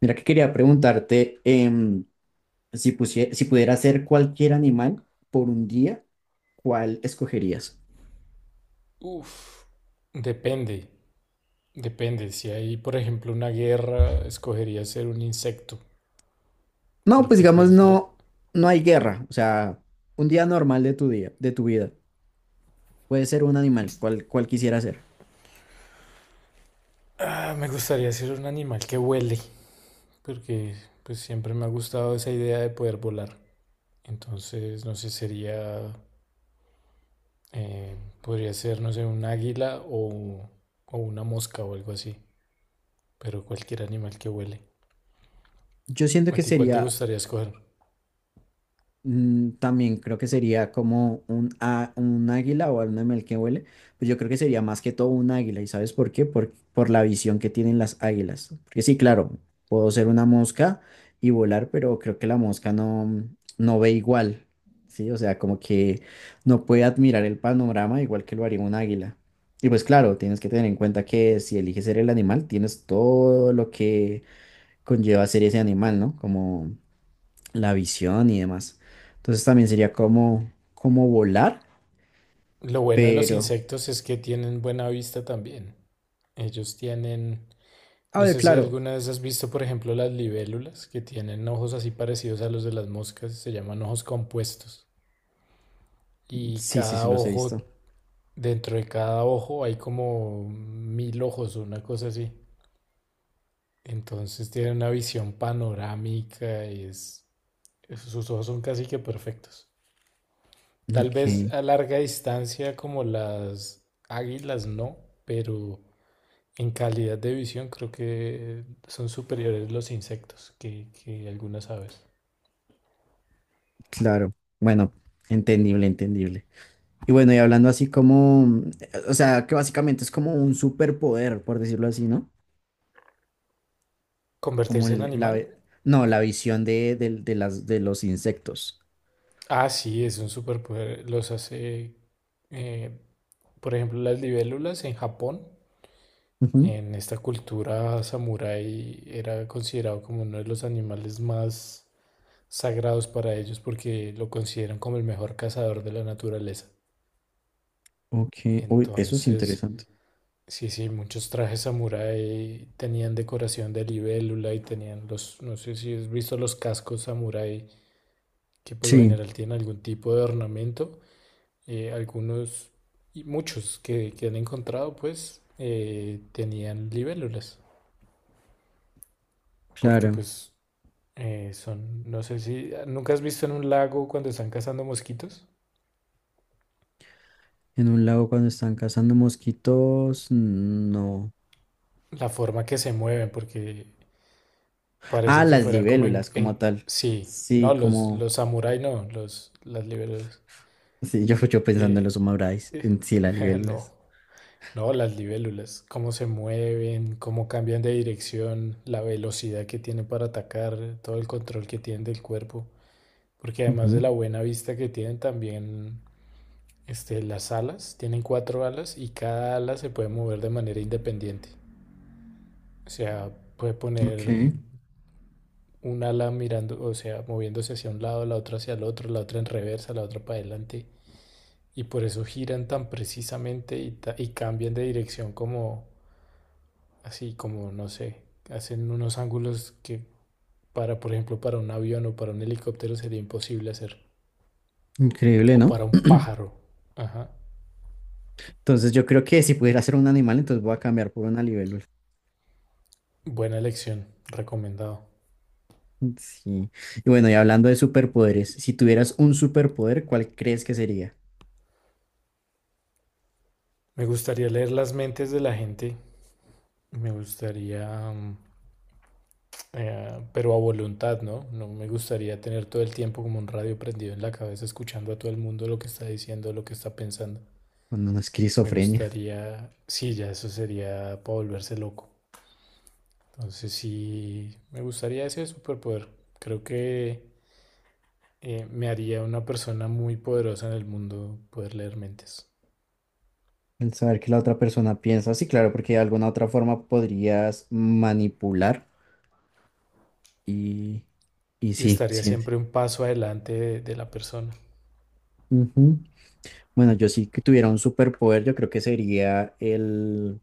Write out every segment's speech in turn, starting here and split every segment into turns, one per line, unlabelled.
Mira que quería preguntarte si pudiera ser cualquier animal por un día, ¿cuál escogerías?
Uf, depende, depende. Si hay, por ejemplo, una guerra, escogería ser un insecto,
No, pues
porque
digamos no, no hay guerra, o sea, un día normal de tu día, de tu vida. Puede ser un animal, ¿cuál quisiera ser?
me gustaría ser un animal que huele, porque pues siempre me ha gustado esa idea de poder volar. Entonces, no sé, sería, eh, podría ser, no sé, un águila o una mosca o algo así, pero cualquier animal que huele.
Yo siento
¿A
que
ti cuál te
sería...
gustaría escoger?
Mm, también creo que sería como un águila o un animal que huele, pues yo creo que sería más que todo un águila, ¿y sabes por qué? Por la visión que tienen las águilas. Porque sí, claro, puedo ser una mosca y volar, pero creo que la mosca no, no ve igual, ¿sí? O sea, como que no puede admirar el panorama igual que lo haría un águila. Y pues claro, tienes que tener en cuenta que si eliges ser el animal, tienes todo lo que conlleva ser ese animal, ¿no? Como la visión y demás. Entonces también sería como, como volar,
Lo bueno de los
pero...
insectos es que tienen buena vista también. Ellos tienen.
A
No
ver,
sé si
claro.
alguna vez has visto, por ejemplo, las libélulas que tienen ojos así parecidos a los de las moscas, se llaman ojos compuestos. Y
Sí, sí, sí,
cada
los he visto.
ojo, dentro de cada ojo hay como mil ojos, una cosa así. Entonces tienen una visión panorámica y es, sus ojos son casi que perfectos. Tal
Ok,
vez a larga distancia como las águilas no, pero en calidad de visión creo que son superiores los insectos que algunas aves.
claro. Bueno, entendible, entendible. Y bueno, y hablando así como, o sea, que básicamente es como un superpoder, por decirlo así, ¿no? Como
¿Convertirse en
el- la,
animal?
ve- No, la visión de las, de los insectos.
Ah, sí, es un superpoder. Los hace, eh, por ejemplo, las libélulas en Japón.
Ujú.
En esta cultura samurái era considerado como uno de los animales más sagrados para ellos porque lo consideran como el mejor cazador de la naturaleza.
Ok, uy, eso es
Entonces,
interesante.
sí, sí, muchos trajes samurái tenían decoración de libélula y tenían los, no sé si has visto los cascos samurái que por lo
Sí,
general tienen algún tipo de ornamento. Algunos y muchos que han encontrado pues tenían libélulas porque
claro.
pues son, no sé si nunca has visto en un lago cuando están cazando mosquitos
En un lago cuando están cazando mosquitos, no.
la forma que se mueven porque
Ah,
parece que
las
fueran como
libélulas como tal.
sí no
Sí,
los
como...
samurái, no los las libélulas.
Sí, yo pensando en
Eh,
los Humabrais, en sí, las
no
libélulas.
No, las libélulas, cómo se mueven, cómo cambian de dirección, la velocidad que tienen para atacar, todo el control que tienen del cuerpo. Porque además de
Ujú.
la buena vista que tienen, también este, las alas, tienen cuatro alas y cada ala se puede mover de manera independiente. O sea, puede
Ok,
poner un ala mirando, o sea, moviéndose hacia un lado, la otra hacia el otro, la otra en reversa, la otra para adelante. Y por eso giran tan precisamente y, y cambian de dirección como, así como, no sé, hacen unos ángulos que por ejemplo, para un avión o para un helicóptero sería imposible hacer.
increíble,
O
¿no?
para un pájaro. Ajá.
Entonces yo creo que si pudiera ser un animal, entonces voy a cambiar por una libélula.
Buena elección, recomendado.
Sí. Y bueno, y hablando de superpoderes, si tuvieras un superpoder, ¿cuál crees que sería?
Me gustaría leer las mentes de la gente. Me gustaría, mm, pero a voluntad, ¿no? No me gustaría tener todo el tiempo como un radio prendido en la cabeza, escuchando a todo el mundo lo que está diciendo, lo que está pensando.
Cuando no es
Me
esquizofrenia.
gustaría, sí, ya eso sería para volverse loco. Entonces sí, me gustaría ese superpoder. Creo que me haría una persona muy poderosa en el mundo poder leer mentes.
El saber que la otra persona piensa, sí, claro, porque de alguna otra forma podrías manipular y, y
Y
sí,
estaría
sí.
siempre un paso adelante de la persona.
Bueno, yo sí que tuviera un superpoder, yo creo que sería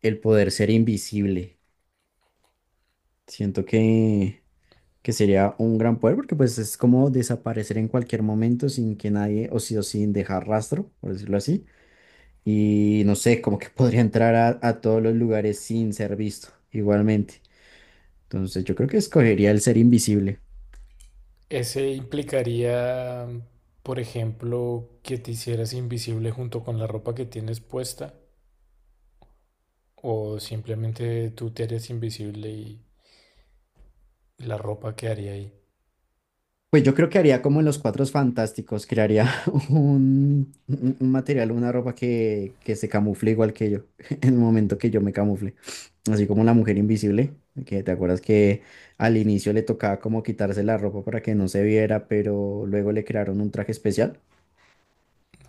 el poder ser invisible. Siento que sería un gran poder porque pues es como desaparecer en cualquier momento sin que nadie, o sí o sin dejar rastro, por decirlo así. Y no sé, como que podría entrar a todos los lugares sin ser visto, igualmente. Entonces yo creo que escogería el ser invisible.
Ese implicaría, por ejemplo, que te hicieras invisible junto con la ropa que tienes puesta. O simplemente tú te harías invisible y la ropa quedaría ahí.
Pues yo creo que haría como en los Cuatro Fantásticos, crearía un material, una ropa que se camufle igual que yo, en el momento que yo me camufle. Así como la mujer invisible, que te acuerdas que al inicio le tocaba como quitarse la ropa para que no se viera, pero luego le crearon un traje especial.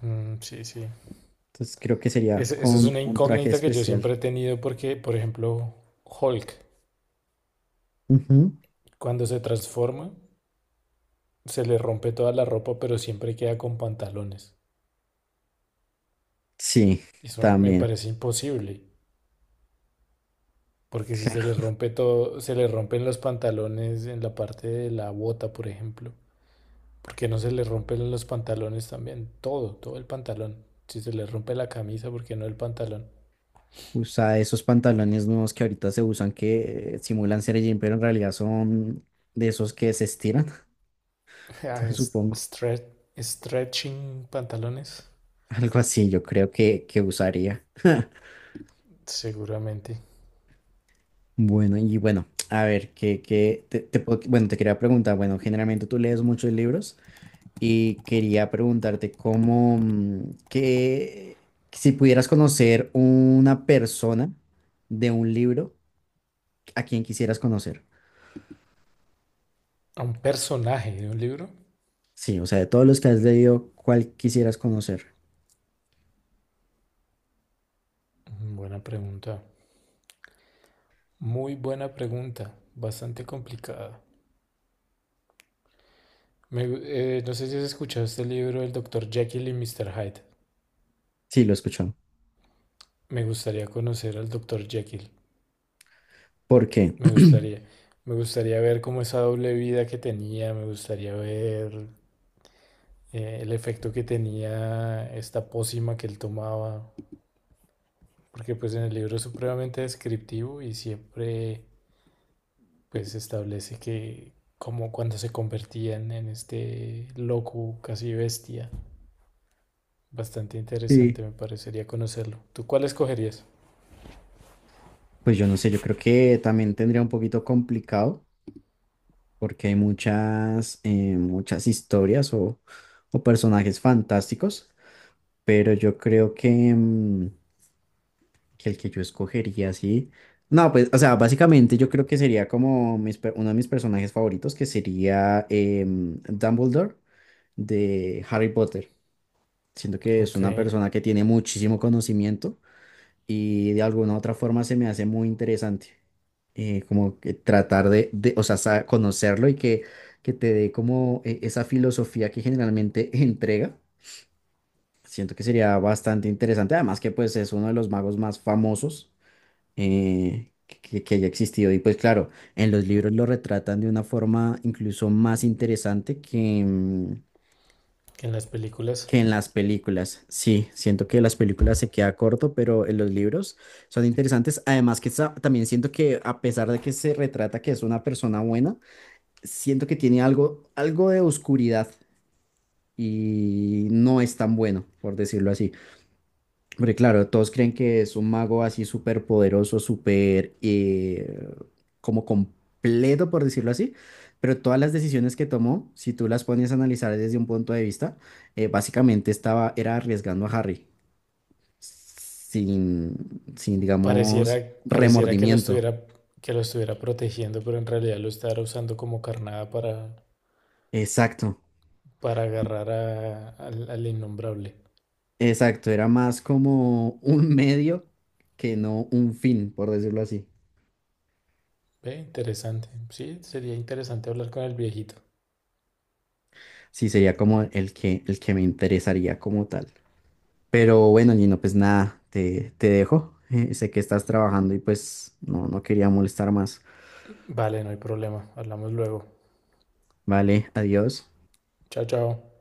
Mm, sí, sí.
Entonces creo que sería
Esa es
con
una
un traje
incógnita que yo
especial.
siempre he tenido porque, por ejemplo, Hulk.
Ujú.
Cuando se transforma, se le rompe toda la ropa, pero siempre queda con pantalones.
Sí,
Eso me
también.
parece imposible, porque si se le rompe todo, se le rompen los pantalones en la parte de la bota, por ejemplo. ¿Por qué no se le rompen los pantalones también? Todo, todo el pantalón. Si se le rompe la camisa, ¿por qué no el pantalón?
Usa esos pantalones nuevos que ahorita se usan que simulan ser jean, pero en realidad son de esos que se estiran,
Ah,
entonces
es-
supongo.
stre- Stretching pantalones,
Algo así yo creo que usaría.
seguramente.
Bueno, y bueno, a ver, que, te puedo... Bueno, te quería preguntar, bueno, generalmente tú lees muchos libros y quería preguntarte cómo, que si pudieras conocer una persona de un libro, ¿a quién quisieras conocer?
¿A un personaje de un libro?
Sí, o sea, de todos los que has leído, ¿cuál quisieras conocer?
Mm, buena pregunta. Muy buena pregunta, bastante complicada. No sé si has escuchado este libro del doctor Jekyll y Mr. Hyde.
Sí, lo escucho.
Me gustaría conocer al doctor Jekyll.
¿Por qué?
Me gustaría. Me gustaría ver cómo esa doble vida que tenía. Me gustaría ver el efecto que tenía esta pócima que él tomaba. Porque pues en el libro es supremamente descriptivo y siempre pues establece que como cuando se convertían en este loco casi bestia. Bastante
Sí.
interesante, me parecería conocerlo. ¿Tú cuál escogerías?
Pues yo no sé, yo creo que también tendría un poquito complicado porque hay muchas, muchas historias o personajes fantásticos, pero yo creo que, mm, que el que yo escogería, sí. No, pues, o sea, básicamente yo creo que sería como uno de mis personajes favoritos, que sería Dumbledore de Harry Potter. Siento que es
Ok,
una persona que tiene muchísimo conocimiento y de alguna u otra forma se me hace muy interesante. Como que tratar de, o sea, conocerlo y que te dé como esa filosofía que generalmente entrega. Siento que sería bastante interesante, además que pues es uno de los magos más famosos que haya existido. Y pues claro, en los libros lo retratan de una forma incluso más interesante que
en las películas
que en las películas. Sí, siento que las películas se queda corto, pero en los libros son interesantes. Además que también siento que a pesar de que se retrata que es una persona buena, siento que tiene algo, algo de oscuridad y no es tan bueno, por decirlo así. Hombre, claro, todos creen que es un mago así súper poderoso, súper como completo, por decirlo así, pero todas las decisiones que tomó, si tú las pones a analizar desde un punto de vista, básicamente estaba, era arriesgando a Harry, sin, sin,
pareciera,
digamos,
pareciera
remordimiento.
que lo estuviera protegiendo, pero en realidad lo estará usando como carnada
Exacto,
para agarrar al, al innombrable.
exacto, era más como un medio que no un fin, por decirlo así.
Ve, interesante. Sí, sería interesante hablar con el viejito.
Sí, sería como el que me interesaría como tal. Pero bueno, Gino, pues nada, te dejo. Sé que estás trabajando y pues no, no quería molestar más.
Vale, no hay problema. Hablamos luego.
Vale, adiós.
Chao, chao.